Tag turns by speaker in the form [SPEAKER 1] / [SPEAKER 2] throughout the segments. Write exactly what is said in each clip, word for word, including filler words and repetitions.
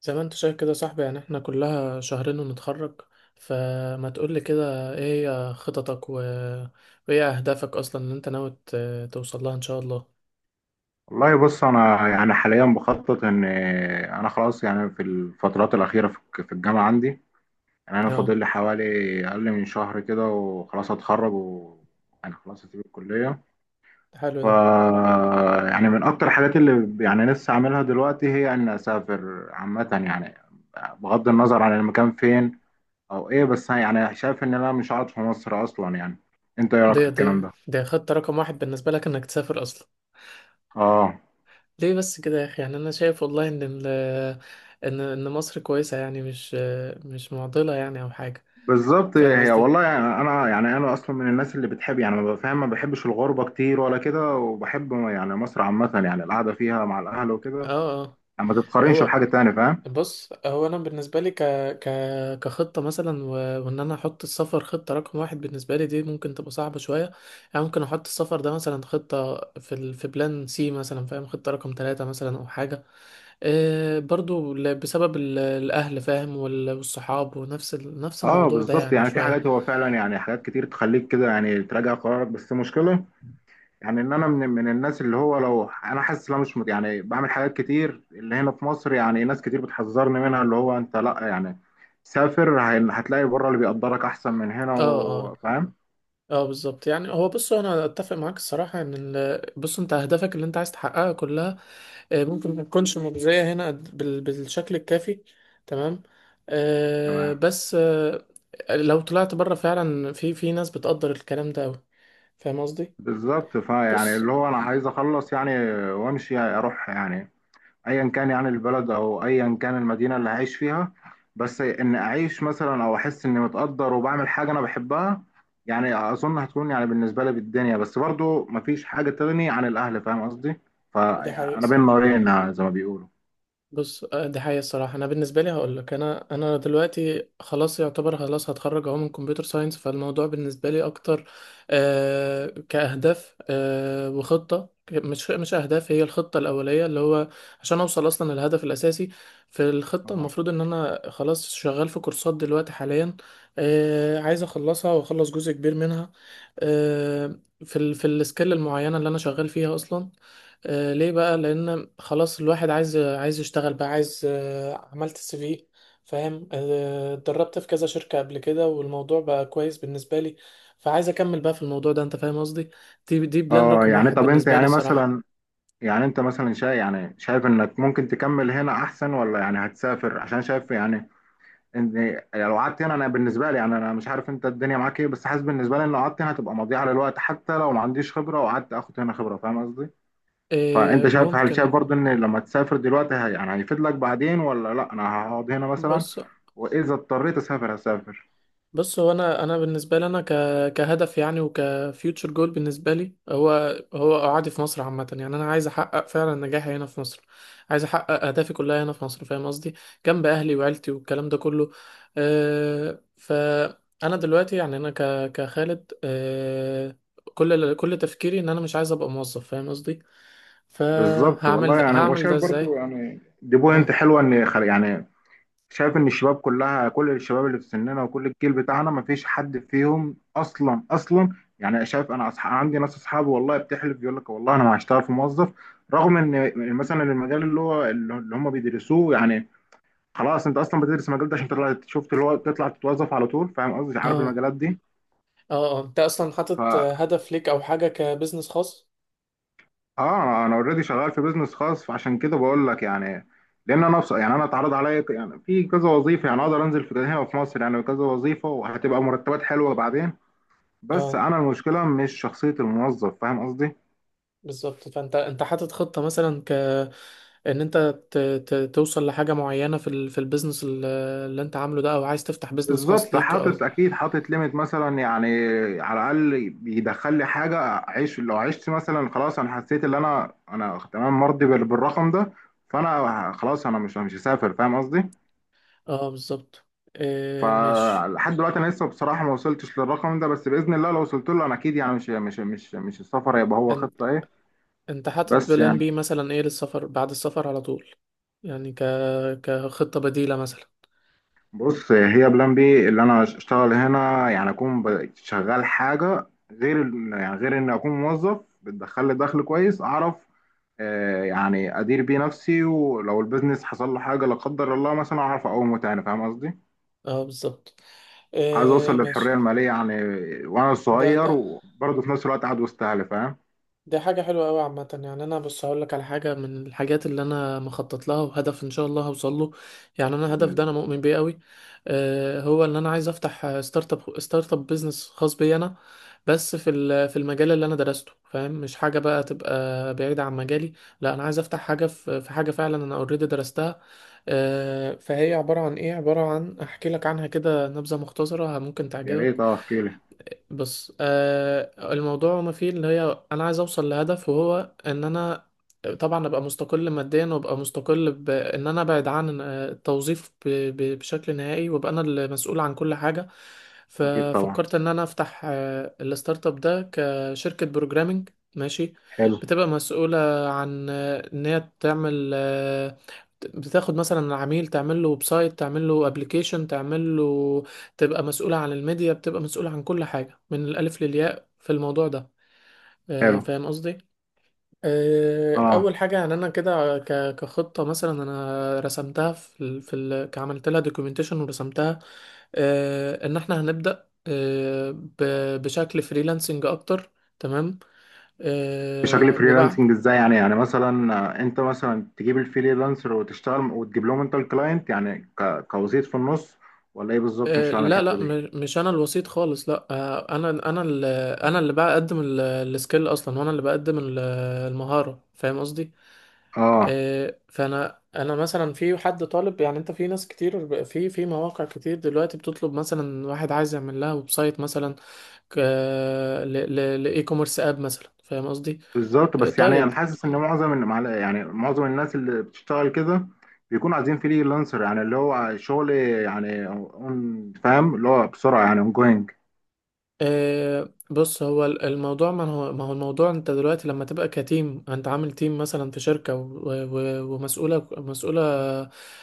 [SPEAKER 1] زي ما انت شايف كده يا صاحبي، يعني احنا كلها شهرين ونتخرج. فما تقولي كده، ايه هي خططك و... وايه اهدافك اصلا اللي انت ناوي ت- توصل لها ان شاء الله؟
[SPEAKER 2] والله، بص، انا يعني حاليا بخطط ان انا خلاص. يعني في الفترات الاخيره في في الجامعه عندي. يعني انا
[SPEAKER 1] اه،
[SPEAKER 2] فاضل لي حوالي اقل من شهر كده وخلاص هتخرج، وانا خلاص هسيب الكليه.
[SPEAKER 1] حلو
[SPEAKER 2] ف
[SPEAKER 1] ده.
[SPEAKER 2] يعني من اكتر الحاجات اللي ب- يعني لسه عاملها دلوقتي هي ان اسافر عامه، يعني بغض النظر عن المكان فين او ايه، بس يعني شايف ان انا مش قاعد في مصر اصلا. يعني انت ايه رايك في
[SPEAKER 1] دي
[SPEAKER 2] الكلام
[SPEAKER 1] دي
[SPEAKER 2] ده؟
[SPEAKER 1] دي خطة رقم واحد بالنسبة لك، انك تسافر اصلا.
[SPEAKER 2] اه،
[SPEAKER 1] ليه بس كده يا اخي؟ يعني انا شايف والله ان ال... ان ان مصر كويسة، يعني مش مش معضلة يعني او حاجة.
[SPEAKER 2] بالظبط
[SPEAKER 1] فاهم
[SPEAKER 2] هي.
[SPEAKER 1] قصدي؟
[SPEAKER 2] والله يعني انا، يعني انا اصلا من الناس اللي بتحب، يعني ما بفهم، ما بحبش الغربه كتير ولا كده، وبحب يعني مصر عامه، يعني القعده فيها مع الاهل وكده.
[SPEAKER 1] اه اه.
[SPEAKER 2] يعني ما تتقارنش
[SPEAKER 1] هو
[SPEAKER 2] بحاجه تانية، فاهم؟
[SPEAKER 1] بص، هو انا بالنسبه لي ك... ك... كخطه مثلا، و... وان انا احط السفر خطه رقم واحد بالنسبه لي، دي ممكن تبقى صعبه شويه. يعني ممكن احط السفر ده مثلا خطه في ال... في بلان سي مثلا، فاهم، خطه رقم ثلاثة مثلا او حاجه. إيه برضو ل... بسبب ال... الاهل، فاهم، وال... والصحاب، ونفس ال... نفس
[SPEAKER 2] اه،
[SPEAKER 1] الموضوع ده
[SPEAKER 2] بالظبط.
[SPEAKER 1] يعني
[SPEAKER 2] يعني في
[SPEAKER 1] شويه.
[SPEAKER 2] حاجات هو فعلا، يعني حاجات كتير تخليك كده يعني تراجع قرارك، بس المشكله يعني ان انا من من الناس اللي هو لو انا حاسس ان انا مش مت- يعني بعمل حاجات كتير اللي هنا في مصر. يعني ناس كتير بتحذرني منها، اللي هو انت لا، يعني سافر، هي- هتلاقي بره اللي بيقدرك احسن من هنا،
[SPEAKER 1] اه اه
[SPEAKER 2] وفاهم
[SPEAKER 1] اه، بالظبط. يعني هو بص، انا اتفق معاك الصراحه ان ال... بص، انت اهدافك اللي انت عايز تحققها كلها، آه، ممكن ما تكونش مجزية هنا بال- بالشكل الكافي. تمام. آه،
[SPEAKER 2] تمام.
[SPEAKER 1] بس آه، لو طلعت بره فعلا في في ناس بتقدر الكلام ده أوي. فاهم قصدي؟
[SPEAKER 2] بالظبط، فيعني
[SPEAKER 1] بص،
[SPEAKER 2] اللي هو انا عايز اخلص يعني وامشي، اروح، يعني ايا كان يعني البلد او ايا كان المدينه اللي هعيش فيها، بس ان اعيش مثلا او احس اني متقدر وبعمل حاجه انا بحبها. يعني اظن هتكون يعني بالنسبه لي بالدنيا، بس برضو مفيش حاجه تغني عن الاهل، فاهم قصدي؟
[SPEAKER 1] دي حقيقة
[SPEAKER 2] فانا بين
[SPEAKER 1] الصراحة.
[SPEAKER 2] نارين زي ما بيقولوا.
[SPEAKER 1] بص آه، دي حقيقة الصراحة. أنا بالنسبة لي هقول لك، أنا أنا دلوقتي خلاص يعتبر خلاص هتخرج أهو من كمبيوتر ساينس. فالموضوع بالنسبة لي أكتر آه كأهداف، آه وخطة، ك- مش مش أهداف، هي الخطة الأولية اللي هو عشان أوصل أصلا للهدف الأساسي. في الخطة،
[SPEAKER 2] اه،
[SPEAKER 1] المفروض إن أنا خلاص شغال في كورسات دلوقتي حاليا. آه عايز أخلصها وأخلص جزء كبير منها. آه في ال في السكيل المعينة اللي أنا شغال فيها أصلا. آه، ليه بقى؟ لان خلاص الواحد عايز عايز يشتغل بقى، عايز آه، عملت السي في، فاهم، آه، اتدربت في كذا شركة قبل كده، والموضوع بقى كويس بالنسبة لي. فعايز اكمل بقى في الموضوع ده، انت فاهم قصدي. دي دي بلان
[SPEAKER 2] اه.
[SPEAKER 1] رقم
[SPEAKER 2] يعني
[SPEAKER 1] واحد
[SPEAKER 2] طب انت
[SPEAKER 1] بالنسبة لي
[SPEAKER 2] يعني
[SPEAKER 1] الصراحة.
[SPEAKER 2] مثلا، يعني انت مثلا شايف، يعني شايف انك ممكن تكمل هنا احسن، ولا يعني هتسافر عشان شايف يعني ان إيه، يعني لو قعدت هنا انا بالنسبه لي، يعني انا مش عارف انت الدنيا معاك ايه، بس حاسس بالنسبه لي ان لو قعدت هنا هتبقى مضيعه للوقت، حتى لو ما عنديش خبره وقعدت اخد هنا خبره، فاهم قصدي؟ فانت
[SPEAKER 1] آه،
[SPEAKER 2] شايف، هل شايف
[SPEAKER 1] ممكن.
[SPEAKER 2] برضو ان لما تسافر دلوقتي هي يعني هيفيد لك بعدين، ولا لا انا هقعد هنا مثلا،
[SPEAKER 1] بص
[SPEAKER 2] واذا اضطريت اسافر هسافر.
[SPEAKER 1] بص هو انا انا بالنسبه لي، انا ك كهدف يعني، وكفيوتشر جول بالنسبه لي، هو هو قعدي في مصر عامه. يعني انا عايز احقق فعلا نجاحي هنا في مصر، عايز احقق اهدافي كلها هنا في مصر، فاهم قصدي، جنب اهلي وعيلتي والكلام ده كله. أه فانا دلوقتي يعني انا ك كخالد، أه كل كل تفكيري ان انا مش عايز ابقى موظف، فاهم قصدي.
[SPEAKER 2] بالظبط،
[SPEAKER 1] فهعمل
[SPEAKER 2] والله
[SPEAKER 1] ده،
[SPEAKER 2] يعني هو
[SPEAKER 1] هعمل ده
[SPEAKER 2] شايف برضو.
[SPEAKER 1] ازاي؟
[SPEAKER 2] يعني دي بوينت
[SPEAKER 1] اه
[SPEAKER 2] حلوه، ان خل- يعني شايف ان الشباب كلها، كل الشباب اللي في سننا وكل الجيل بتاعنا، مفيش حد فيهم اصلا اصلا. يعني شايف انا، أصح... عندي ناس اصحابي والله بتحلف، يقول لك والله انا ما هشتغل في موظف، رغم ان مثلا المجال اللي هو اللي هم بيدرسوه. يعني خلاص انت اصلا بتدرس المجال ده عشان تطلع، شفت، اللي هو تطلع تتوظف على طول، فاهم قصدي؟ عارف
[SPEAKER 1] اه
[SPEAKER 2] المجالات دي.
[SPEAKER 1] اه اه، انت اصلا حاطط
[SPEAKER 2] فا
[SPEAKER 1] هدف ليك او حاجه كبزنس خاص؟
[SPEAKER 2] اه، انا اوريدي شغال في بيزنس خاص، فعشان كده بقول لك يعني. لان انا، بص، يعني انا اتعرض عليا ك- يعني في كذا وظيفه، يعني اقدر انزل في هنا في مصر، يعني كذا وظيفه وهتبقى مرتبات حلوه بعدين، بس
[SPEAKER 1] اه
[SPEAKER 2] انا المشكله مش شخصيه الموظف، فاهم قصدي؟
[SPEAKER 1] بالظبط. فانت انت حاطط خطة مثلا، ك ان انت ت... ت... توصل لحاجة معينة في ال... في البيزنس ال- اللي انت عامله ده، او عايز تفتح بيزنس خاص
[SPEAKER 2] بالظبط،
[SPEAKER 1] ليك
[SPEAKER 2] حاطط
[SPEAKER 1] او.
[SPEAKER 2] اكيد، حاطط ليميت مثلا، يعني على الاقل بيدخل لي حاجه اعيش. لو عشت مثلا خلاص انا حسيت ان انا انا تمام، مرضي بال- بالرقم ده، فانا خلاص انا مش مش هسافر، فاهم قصدي؟
[SPEAKER 1] اه بالظبط، إيه ماشي.
[SPEAKER 2] فلحد دلوقتي انا لسه بصراحه ما وصلتش للرقم ده، بس باذن الله لو وصلت له انا اكيد. يعني مش مش مش مش السفر هيبقى هو
[SPEAKER 1] ان...
[SPEAKER 2] خطه ايه،
[SPEAKER 1] انت حاطط
[SPEAKER 2] بس
[SPEAKER 1] بلان
[SPEAKER 2] يعني.
[SPEAKER 1] بي مثلا، ايه للسفر بعد السفر على طول؟ يعني ك... كخطة بديلة مثلا.
[SPEAKER 2] بص، هي بلان بي اللي انا اشتغل هنا، يعني اكون ب- شغال حاجه غير ال- يعني غير ان اكون موظف، بتدخل لي دخل كويس، اعرف آه، يعني ادير بيه نفسي، ولو البيزنس حصل له حاجه لا قدر الله مثلا اعرف اقومه تاني، فاهم قصدي؟
[SPEAKER 1] اه بالظبط،
[SPEAKER 2] عايز
[SPEAKER 1] إيه
[SPEAKER 2] اوصل
[SPEAKER 1] ماشي.
[SPEAKER 2] للحريه الماليه، يعني وانا
[SPEAKER 1] ده
[SPEAKER 2] صغير،
[SPEAKER 1] ده
[SPEAKER 2] وبرضه في نفس الوقت قاعد وسط اهلي، فاهم؟
[SPEAKER 1] دي حاجة حلوة أوي عامة. يعني أنا بص هقولك على حاجة من الحاجات اللي أنا مخطط لها، وهدف إن شاء الله هوصل له. يعني أنا
[SPEAKER 2] باذن
[SPEAKER 1] الهدف ده أنا
[SPEAKER 2] الله.
[SPEAKER 1] مؤمن بيه أوي. آه، هو إن أنا عايز أفتح ستارت أب، ستارت أب بيزنس خاص بي أنا، بس في ال- في المجال اللي أنا درسته، فاهم، مش حاجة بقى تبقى بعيدة عن مجالي. لا أنا عايز أفتح حاجة في في حاجة فعلا أنا أوريدي درستها. آه، فهي عبارة عن إيه، عبارة عن أحكي لك عنها كده نبذة مختصرة ممكن
[SPEAKER 2] يا
[SPEAKER 1] تعجبك.
[SPEAKER 2] ريت، اه، احكي لي.
[SPEAKER 1] بص، آه الموضوع ما فيه اللي هي، انا عايز اوصل لهدف، وهو ان انا طبعا ابقى مستقل ماديا، وابقى مستقل بان انا ابعد عن آه، التوظيف ب- ب- بشكل نهائي، وابقى انا المسؤول عن كل حاجة.
[SPEAKER 2] اكيد طبعا.
[SPEAKER 1] ففكرت ان انا افتح آه، الستارت اب ده كشركة بروجرامنج. ماشي.
[SPEAKER 2] حلو.
[SPEAKER 1] بتبقى مسؤولة عن آه، ان هي تعمل، آه، بتاخد مثلا العميل، تعمل له ويب سايت، تعمل له ابلكيشن، تعمل له، تبقى مسؤولة عن الميديا، بتبقى مسؤولة عن كل حاجة من الألف للياء في الموضوع ده. آه،
[SPEAKER 2] حلو.
[SPEAKER 1] فاهم قصدي؟ آه،
[SPEAKER 2] اه،
[SPEAKER 1] أول حاجة يعني، أنا كده ك- كخطة مثلا أنا رسمتها في ال... في ال... عملت لها دوكيومنتيشن ورسمتها، آه، إن إحنا هنبدأ آه، ب... بشكل فريلانسنج أكتر. تمام.
[SPEAKER 2] بشكل
[SPEAKER 1] آه، وبعد
[SPEAKER 2] فريلانسنج ازاي، يعني يعني مثلا آه، انت مثلا تجيب الفريلانسر وتشتغل وتجيب لهم انت الكلاينت، يعني ك- كوسيط في النص، ولا ايه بالظبط؟ مش
[SPEAKER 1] آه،
[SPEAKER 2] فاهم
[SPEAKER 1] لا
[SPEAKER 2] الحته
[SPEAKER 1] لا،
[SPEAKER 2] دي.
[SPEAKER 1] م- مش انا الوسيط خالص. لا، آه، انا انا اللي انا اللي بقدم السكيل اصلا، وانا اللي بقدم ال- المهارة، فاهم قصدي.
[SPEAKER 2] اه،
[SPEAKER 1] آه، فانا انا مثلا، في حد طالب يعني، انت في ناس كتير ب- في في مواقع كتير دلوقتي بتطلب مثلا واحد عايز يعمل لها ويب سايت مثلا، ك- ل- ل- لاي كوميرس اب مثلا، فاهم قصدي.
[SPEAKER 2] بالظبط،
[SPEAKER 1] آه،
[SPEAKER 2] بس يعني انا
[SPEAKER 1] طيب.
[SPEAKER 2] حاسس ان معظم الم- يعني معظم الناس اللي بتشتغل كده بيكون عايزين فريلانسر، يعني اللي هو شغل يعني اون، فاهم، اللي هو بسرعه، يعني اون جوينج.
[SPEAKER 1] آه، بص، هو ال- الموضوع، ما هو، ما هو الموضوع انت دلوقتي لما تبقى كتيم، انت عامل تيم مثلا في شركة و- و- ومسؤولة مسؤولة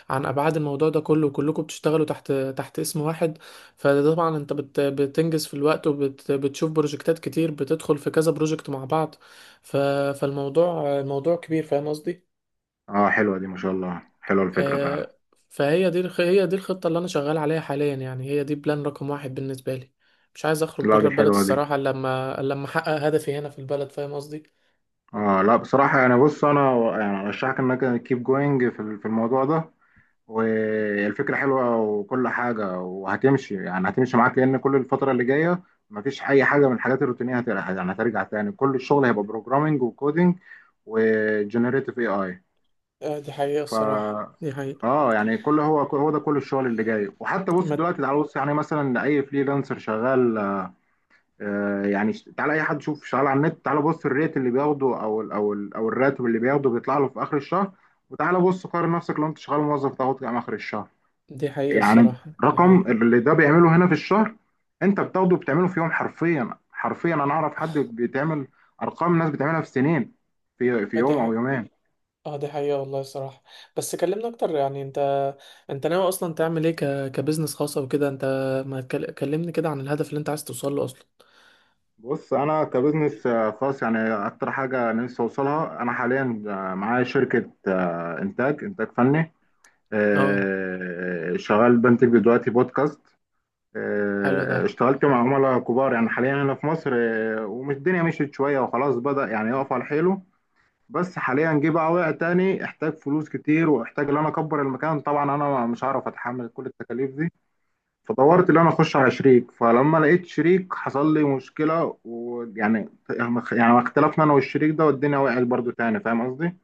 [SPEAKER 1] عن ابعاد الموضوع ده كله، وكلكم بتشتغلوا تحت تحت اسم واحد. فطبعا انت بت بتنجز في الوقت، وبتشوف بروجكتات كتير، بتدخل في كذا بروجكت مع بعض. ف فالموضوع الموضوع كبير، فاهم قصدي.
[SPEAKER 2] اه، حلوه دي، ما شاء الله، حلوه الفكره فعلا.
[SPEAKER 1] آه، فهي دي الخ- هي دي الخطة اللي أنا شغال عليها حاليا، يعني هي دي بلان رقم واحد بالنسبة لي. مش عايز أخرج
[SPEAKER 2] لا،
[SPEAKER 1] بره
[SPEAKER 2] دي
[SPEAKER 1] البلد
[SPEAKER 2] حلوه دي.
[SPEAKER 1] الصراحة، إلا لما إلا لما أحقق هدفي هنا في البلد، فاهم قصدي.
[SPEAKER 2] اه، لا بصراحة، يعني بص انا يعني ارشحك انك كيب جوينج في ال- في الموضوع ده، والفكرة حلوة وكل حاجة، وهتمشي، يعني هتمشي معاك، لان كل الفترة اللي جاية مفيش اي حاجة من الحاجات الروتينية. هت- يعني هترجع تاني، كل الشغل هيبقى بروجرامينج وكودينج وجنريتيف اي اي.
[SPEAKER 1] آه، دي حقيقة
[SPEAKER 2] ف
[SPEAKER 1] الصراحة. دي حقيقة.
[SPEAKER 2] اه، يعني كل، هو هو ده كل الشغل اللي جاي. وحتى بص
[SPEAKER 1] ما
[SPEAKER 2] دلوقتي، تعال بص يعني مثلا اي فريلانسر شغال آه، يعني ش- تعالى اي حد، شوف شغال على النت، تعالى بص الريت اللي بياخده او ال او ال او الراتب اللي بياخده، بيطلع له في اخر الشهر. وتعالى بص قارن نفسك لو انت شغال موظف تاخد كام اخر الشهر.
[SPEAKER 1] دي حقيقة
[SPEAKER 2] يعني
[SPEAKER 1] الصراحة. دي
[SPEAKER 2] رقم
[SPEAKER 1] حقيقة.
[SPEAKER 2] اللي ده بيعمله هنا في الشهر، انت بتاخده بتعمله في يوم. حرفيا، حرفيا، انا اعرف حد بيتعمل ارقام ناس بتعملها في سنين، في في
[SPEAKER 1] آه، دي
[SPEAKER 2] يوم او
[SPEAKER 1] حقيقة.
[SPEAKER 2] يومين.
[SPEAKER 1] اه، دي حقيقة والله الصراحة. بس كلمنا أكتر يعني. أنت أنت ناوي أصلا تعمل إيه ك... كبزنس خاص أو كده؟ أنت ما تكل- كلمني كده عن الهدف اللي أنت عايز توصل له أصلا.
[SPEAKER 2] بص انا كبزنس آه، خاص، يعني اكتر حاجه نفسي اوصلها انا حاليا. آه، معايا شركه آه، انتاج انتاج فني.
[SPEAKER 1] اه،
[SPEAKER 2] آه، شغال بنتج دلوقتي بودكاست.
[SPEAKER 1] حلو ده.
[SPEAKER 2] آه، اشتغلت مع عملاء كبار يعني حاليا هنا في مصر. آه، ومش الدنيا مشيت شوية وخلاص بدأ يعني يقف على حيله، بس حاليا جه بقى وقع تاني، احتاج فلوس كتير واحتاج ان انا اكبر المكان. طبعا انا مش هعرف اتحمل كل التكاليف دي، فدورت ان انا اخش على شريك. فلما لقيت شريك حصل لي مشكلة، ويعني يعني اختلفنا انا والشريك ده، والدنيا وقعت برضو تاني، فاهم قصدي؟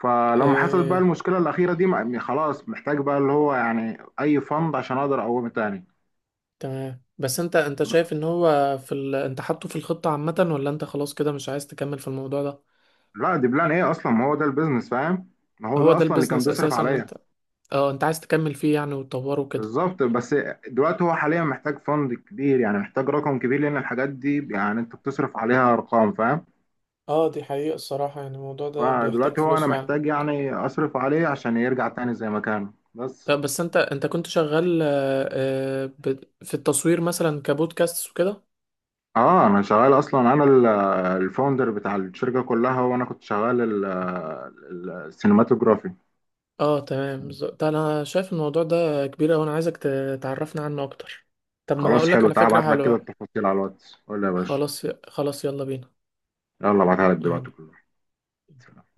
[SPEAKER 2] فلما حصلت
[SPEAKER 1] اه
[SPEAKER 2] بقى المشكلة الأخيرة دي، م- خلاص محتاج بقى، اللي هو يعني أي فند عشان أقدر أقوم تاني.
[SPEAKER 1] تمام، بس انت انت شايف ان هو في ال... انت حاطه في الخطة عامة، ولا انت خلاص كده مش عايز تكمل في الموضوع ده؟
[SPEAKER 2] لا دي بلان إيه أصلا؟ ما هو ده البيزنس، فاهم؟ ما هو
[SPEAKER 1] هو
[SPEAKER 2] ده
[SPEAKER 1] ده
[SPEAKER 2] أصلا اللي كان
[SPEAKER 1] البيزنس
[SPEAKER 2] بيصرف
[SPEAKER 1] اساسا، ان
[SPEAKER 2] عليا.
[SPEAKER 1] انت اه انت عايز تكمل فيه يعني، وتطوره كده.
[SPEAKER 2] بالظبط، بس دلوقتي هو حاليا محتاج فند كبير، يعني محتاج رقم كبير، لأن الحاجات دي يعني أنت بتصرف عليها أرقام، فاهم؟
[SPEAKER 1] اه، دي حقيقة الصراحة، يعني الموضوع ده بيحتاج
[SPEAKER 2] فدلوقتي هو أنا
[SPEAKER 1] فلوس فعلا.
[SPEAKER 2] محتاج يعني أصرف عليه عشان يرجع تاني زي ما كان، بس.
[SPEAKER 1] اه، بس انت انت كنت شغال، اه، اه، ب- في التصوير مثلا كبودكاست وكده.
[SPEAKER 2] اه، انا شغال اصلا. انا ال- الفاوندر بتاع الشركه كلها، وانا كنت شغال السينماتوجرافي.
[SPEAKER 1] اه تمام، بالظبط. ده انا شايف الموضوع ده كبير اوي، انا عايزك ت- تعرفنا عنه اكتر. طب، ما
[SPEAKER 2] خلاص،
[SPEAKER 1] هقولك
[SPEAKER 2] حلو،
[SPEAKER 1] على
[SPEAKER 2] تعال
[SPEAKER 1] فكرة
[SPEAKER 2] ابعت لك كده
[SPEAKER 1] حلوة.
[SPEAKER 2] التفاصيل على الواتس، قول لي يا باشا.
[SPEAKER 1] خلاص خلاص، يلا بينا.
[SPEAKER 2] يلا، ابعتها لك دلوقتي
[SPEAKER 1] يلا.
[SPEAKER 2] كلها.